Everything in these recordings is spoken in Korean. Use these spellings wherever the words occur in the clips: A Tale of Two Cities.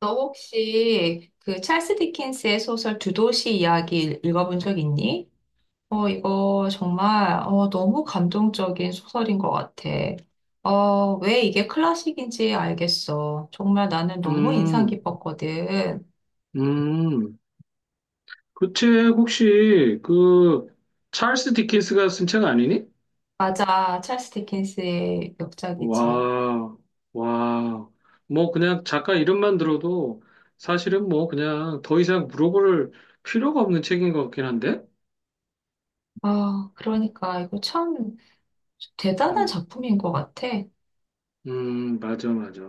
너 혹시 그 찰스 디킨스의 소설 두 도시 이야기 읽어본 적 있니? 이거 정말 너무 감동적인 소설인 것 같아. 왜 이게 클래식인지 알겠어. 정말 나는 너무 인상 음, 깊었거든. 음. 그 책 혹시 그 찰스 디킨스가 쓴 책 아니니? 맞아, 찰스 디킨스의 역작이지. 와, 와. 뭐 그냥 작가 이름만 들어도 사실은 뭐 그냥 더 이상 물어볼 필요가 없는 책인 것 같긴 한데? 아, 그러니까 이거 참 대단한 음, 작품인 것 같아. 맞아, 맞아.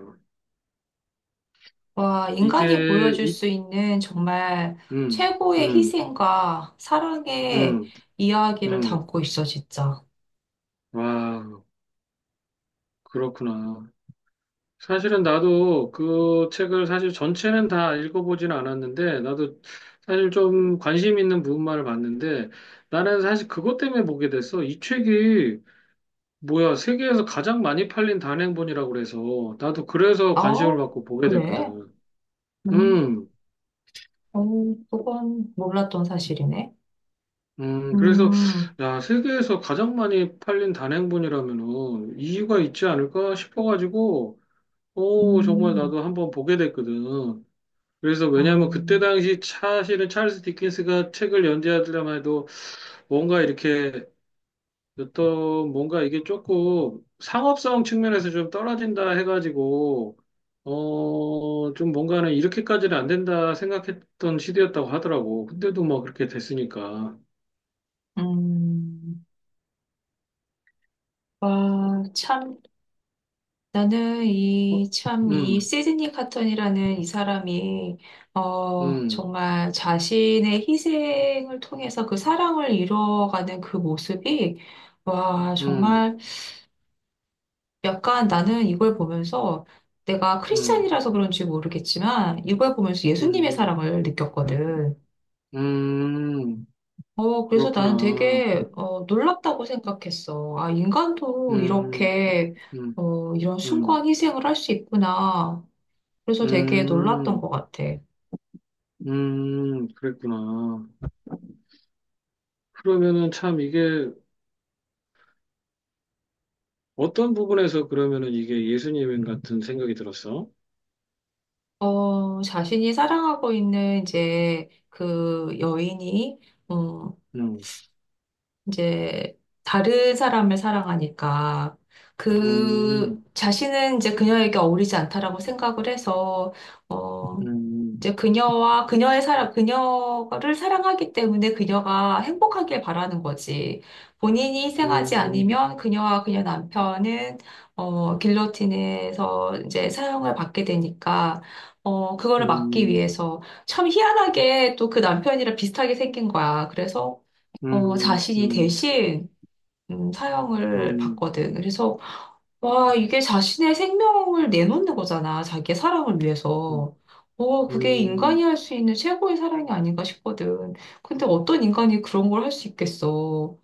와, 이게, 인간이 보여줄 이, 수 있는 정말 음, 최고의 음, 희생과 사랑의 음, 이야기를 음. 담고 있어, 진짜. 와, 그렇구나. 사실은 나도 그 책을 사실 전체는 다 읽어보지는 않았는데, 나도 사실 좀 관심 있는 부분만을 봤는데, 나는 사실 그것 때문에 보게 됐어. 이 책이, 뭐야, 세계에서 가장 많이 팔린 단행본이라고 그래서, 나도 그래서 관심을 어? 받고 보게 그래? 됐거든. 음, 음, 어, 그건 몰랐던 사실이네. 그래서, 음, 야, 세계에서 가장 많이 팔린 단행본이라면은, 이유가 있지 않을까 싶어가지고, 오, 정말 음, 나도 한번 보게 됐거든. 그래서 와, 왜냐하면 그때 당시 사실은 찰스 디킨스가 책을 연재하더라 해도 뭔가 이렇게 어떤 뭔가 이게 조금 상업성 측면에서 좀 떨어진다 해가지고 어 좀 뭔가는 이렇게까지는 안 된다 생각했던 시대였다고 하더라고. 근데도 뭐 그렇게 됐으니까. 음, 와, 참. 나는 어? 이, 참, 이 음, 시드니 카턴이라는 이 사람이, 음, 정말 자신의 희생을 통해서 그 사랑을 이뤄가는 그 모습이, 와, 음, 정말 약간 나는 이걸 보면서 내가 음, 크리스찬이라서 그런지 모르겠지만, 이걸 보면서 예수님의 음, 사랑을 느꼈거든. 음, 어, 그래서 나는 그렇구나. 되게, 놀랍다고 생각했어. 아, 인간도 음, 이렇게, 음, 이런 음, 숭고한 희생을 할 수 있구나. 그래서 되게 놀랐던 것 음. 같아. 그랬구나. 그러면은 참 이게 어떤 부분에서 그러면은 이게 예수님 같은 생각이 들었어? 자신이 사랑하고 있는 이제 그 여인이, 음, 음, 이제 다른 사람을 사랑하니까 그 음, 자신은 이제 그녀에게 어울리지 않다라고 생각을 해서, 어, 음, 이제 그녀와 그녀의 사랑, 그녀를 사랑하기 때문에 그녀가 행복하길 바라는 거지. 본인이 희생하지 음, 않으면 그녀와 그녀 남편은 길로틴에서 이제 사형을 받게 되니까 그거를 막기 음, 위해서 참 희한하게 또 그 남편이랑 비슷하게 생긴 거야. 그래서 음, 음, 자신이 음, 대신 사형을 음, 받거든. 그래서 와, 이게 자신의 생명을 내놓는 거잖아. 자기의 사랑을 위해서. 그게 인간이 음, 할 수 있는 최고의 사랑이 아닌가 싶거든. 근데 어떤 인간이 그런 걸 할 수 있겠어.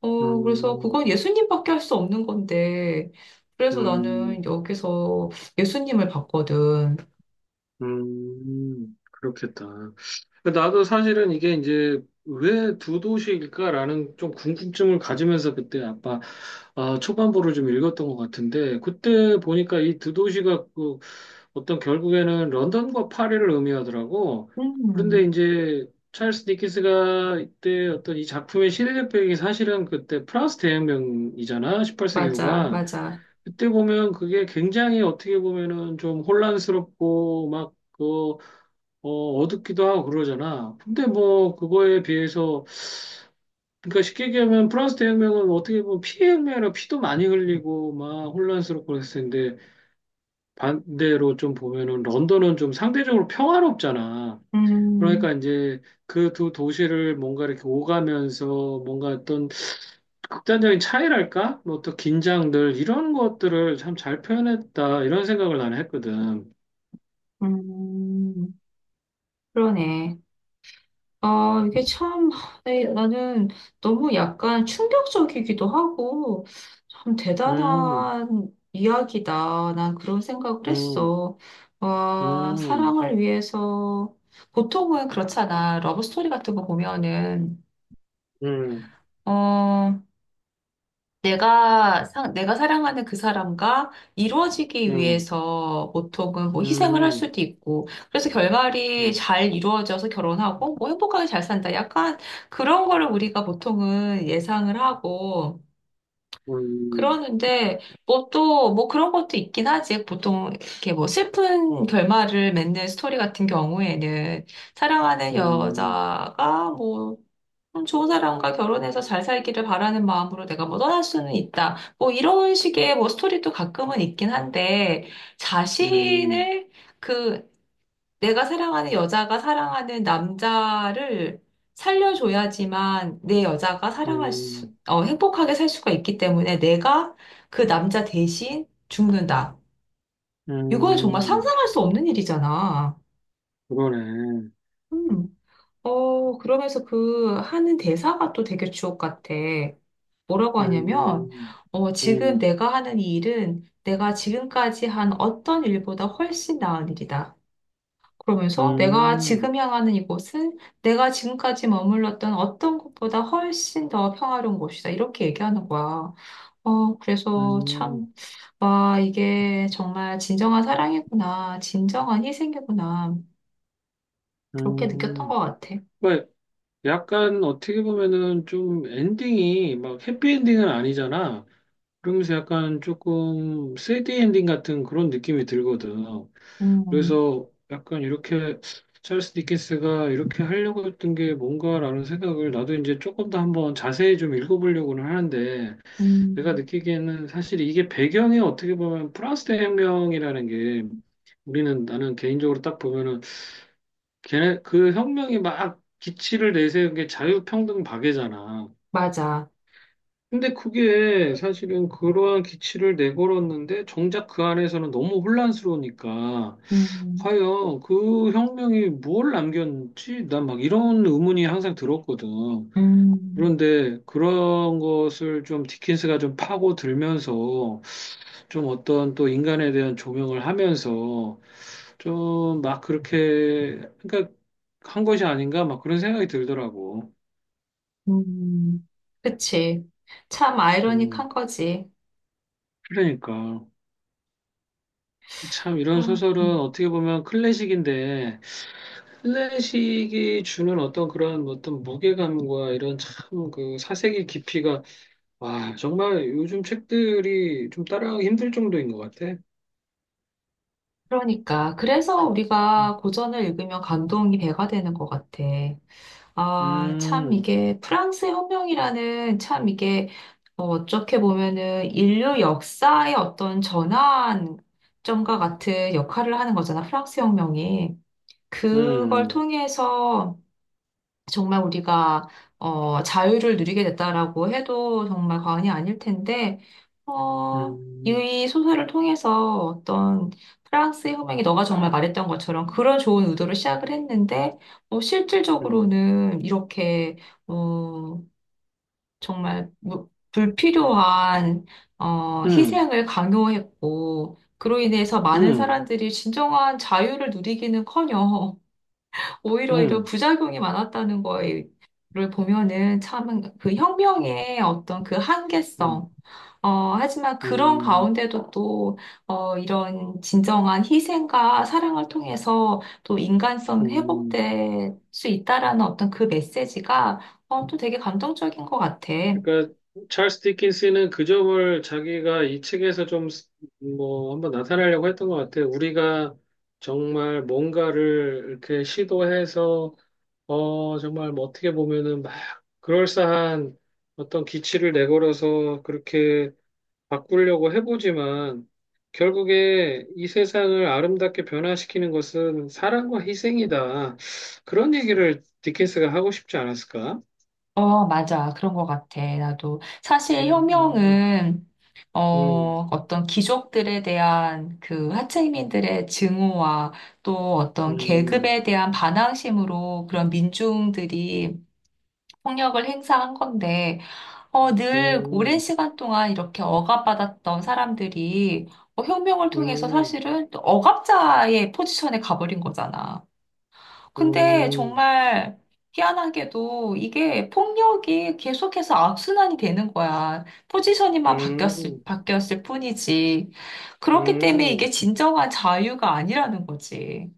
어, 그래서 음, 그건 예수님밖에 할 수 없는 건데. 그래서 나는 음, 여기서 예수님을 봤거든. 그렇겠다. 그러니까 나도 사실은 이게 이제 왜 두 도시일까라는 좀 궁금증을 가지면서 그때 아빠 아, 초반부를 좀 읽었던 것 같은데 그때 보니까 이 두 도시가 그 어떤 결국에는 런던과 파리를 의미하더라고. 그런데 음, 이제 찰스 디킨스가 이때 어떤 이 작품의 시대적 배경이 사실은 그때 프랑스 대혁명이잖아. 18세기 맞아, 후반. 맞아. 그때 보면 그게 굉장히 어떻게 보면은 좀 혼란스럽고 막 그, 어, 어둡기도 하고 그러잖아. 근데 뭐 그거에 비해서 그러니까 쉽게 얘기하면 프랑스 대혁명은 어떻게 보면 피해 혁명이라 피도 많이 흘리고 막 혼란스럽고 그랬을 텐데 반대로 좀 보면은 런던은 좀 상대적으로 평화롭잖아. 그러니까 음, 이제 그 두 도시를 뭔가 이렇게 오가면서 뭔가 어떤 극단적인 차이랄까? 뭐 또 긴장들 이런 것들을 참 잘 표현했다 이런 생각을 나는 했거든. 음, 그러네. 아, 이게 참, 에, 나는 너무 약간 충격적이기도 하고, 참 음, 대단한 이야기다. 난 그런 생각을 음, 했어. 와, 음, 사랑을 위해서, 보통은 그렇잖아. 러브스토리 같은 거 보면은, 음, 어, 내가 상, 내가 사랑하는 그 사람과 이루어지기 음, 위해서 보통은 뭐 음, 희생을 할 음, 수도 있고, 그래서 결말이 음, 잘 이루어져서 결혼하고, 뭐 행복하게 잘 산다. 약간 그런 거를 우리가 보통은 예상을 하고, 음, 그러는데, 뭐 또, 뭐 그런 것도 있긴 하지. 보통 이렇게 뭐 슬픈 결말을 맺는 스토리 같은 경우에는 사랑하는 음, 여자가 뭐 좋은 사람과 결혼해서 잘 살기를 바라는 마음으로 내가 뭐 떠날 수는 있다. 뭐 이런 식의 뭐 스토리도 가끔은 있긴 한데 음, 자신을 그 내가 사랑하는 여자가 사랑하는 남자를 살려줘야지만 내 여자가 사랑할 수, 음, 행복하게 살 수가 있기 때문에 내가 그 남자 대신 죽는다. 이건 정말 음, 상상할 수 없는 일이잖아. 그러네. 음. 그러면서 그 하는 대사가 또 되게 주옥 같아. 뭐라고 하냐면, 음, 지금 음, 내가 하는 이 일은 내가 지금까지 한 어떤 일보다 훨씬 나은 일이다. 그러면서 내가 음, 지금 향하는 이곳은 내가 지금까지 머물렀던 어떤 곳보다 훨씬 더 평화로운 곳이다. 이렇게 얘기하는 거야. 그래서 참, 음, 와, 이게 정말 진정한 사랑이구나. 진정한 희생이구나. 그렇게 느꼈던 음. 것 같아. 왜 약간 어떻게 보면은 좀 엔딩이 막 해피엔딩은 아니잖아. 그러면서 약간 조금 3D 엔딩 같은 그런 느낌이 들거든. 음, 그래서 약간 이렇게 찰스 디킨스가 이렇게 하려고 했던 게 뭔가라는 생각을 나도 이제 조금 더 한번 자세히 좀 읽어보려고는 하는데 내가 음. 느끼기에는 사실 이게 배경이 어떻게 보면 프랑스 혁명이라는 게 우리는 나는 개인적으로 딱 보면은 걔네 그 혁명이 막 기치를 내세운 게 자유평등 박애잖아. 맞아. 근데 그게 사실은 그러한 기치를 내걸었는데 정작 그 안에서는 너무 혼란스러우니까 음, 과연 그 혁명이 뭘 남겼는지 난 막 이런 의문이 항상 들었거든. 음, 그런데 그런 것을 좀 디킨스가 좀 파고들면서 좀 어떤 또 인간에 대한 조명을 하면서 좀 막 그렇게 그러니까 한 것이 아닌가 막 그런 생각이 들더라고. 음. 그치. 참 아이러닉한 음, 거지. 그러니까. 참 이런 아, 소설은 어떻게 보면 클래식인데 클래식이 주는 어떤 그런 어떤 무게감과 이런 참 그 사색의 깊이가 와 정말 요즘 책들이 좀 따라하기 힘들 정도인 것 같아. 그러니까. 그래서 우리가 고전을 읽으면 감동이 배가 되는 것 같아. 아, 참 음, 이게 프랑스 혁명이라는 참 이게 어떻게 보면은 인류 역사의 어떤 전환점과 같은 역할을 하는 거잖아. 프랑스 혁명이. 그걸 음, 통해서 정말 우리가 자유를 누리게 됐다라고 해도 정말 과언이 아닐 텐데 어, 음, 이 소설을 통해서 어떤 프랑스의 호명이 너가 정말 말했던 것처럼 그런 좋은 의도로 시작을 했는데 음, 실질적으로는 이렇게 어, 정말 불필요한 음, 희생을 강요했고 그로 인해서 음, 많은 음, 사람들이 진정한 자유를 누리기는커녕 오히려 이런 음, 부작용이 많았다는 거를 보면은 참 그 혁명의 어떤 그 음, 한계성. 하지만 그런 음, 가운데도 또, 이런 진정한 희생과 사랑을 통해서 또 인간성 음. 회복될 수 있다라는 어떤 그 메시지가, 또 되게 감동적인 것 같아. 그러니까 찰스 디킨스는 그 점을 자기가 이 책에서 좀 뭐 한번 나타내려고 했던 것 같아요. 우리가 정말 뭔가를 이렇게 시도해서 어 정말 뭐 어떻게 보면은 막 그럴싸한 어떤 기치를 내걸어서 그렇게 바꾸려고 해보지만 결국에 이 세상을 아름답게 변화시키는 것은 사랑과 희생이다. 그런 얘기를 디킨스가 하고 싶지 않았을까? 어, 맞아. 그런 것 같아. 나도. 사실 음, 음, 혁명은 음. 어떤 귀족들에 대한 그 하층민들의 증오와 또 어떤 음, 계급에 대한 반항심으로 그런 민중들이 폭력을 행사한 건데, 늘 오랜 음, 시간 동안 이렇게 억압받았던 사람들이 혁명을 통해서 음, 사실은 또 억압자의 포지션에 가버린 거잖아. 근데 음, 정말 희한하게도 이게 폭력이 계속해서 악순환이 되는 거야. 포지션이만 음, 바뀌었을 뿐이지. 그렇기 때문에 음, 이게 음, 진정한 자유가 아니라는 거지.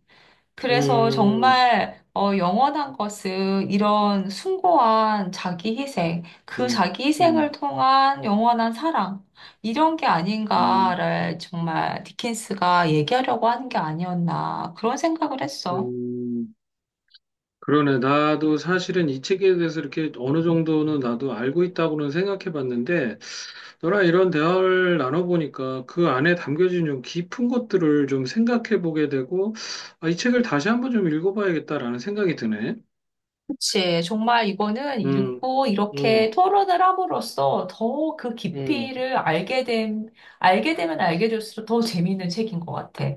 그래서 음, 정말 영원한 것은 이런 숭고한 자기 희생, 그 자기 희생을 음, 통한 영원한 사랑, 이런 게 음, 아닌가를 정말 디킨스가 얘기하려고 하는 게 아니었나, 그런 생각을 했어. 음. 그러네. 나도 사실은 이 책에 대해서 이렇게 어느 정도는 나도 알고 있다고는 생각해 봤는데, 너랑 이런 대화를 나눠보니까 그 안에 담겨진 좀 깊은 것들을 좀 생각해 보게 되고, 아, 이 책을 다시 한번 좀 읽어봐야겠다라는 생각이 드네. 그치. 정말 이거는 음, 읽고 이렇게 음, 토론을 함으로써 더 그 음. 깊이를 알게 됨, 알게 되면 알게 될수록 더 재미있는 책인 것 같아.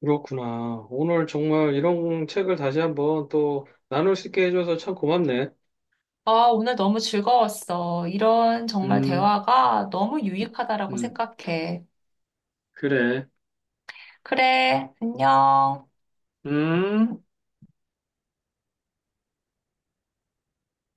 그렇구나. 오늘 정말 이런 책을 다시 한번 또 나눌 수 있게 해줘서 참 고맙네. 아, 오늘 너무 즐거웠어. 이런 정말 음, 대화가 너무 유익하다라고 음, 생각해. 그래. 그래, 안녕. 음.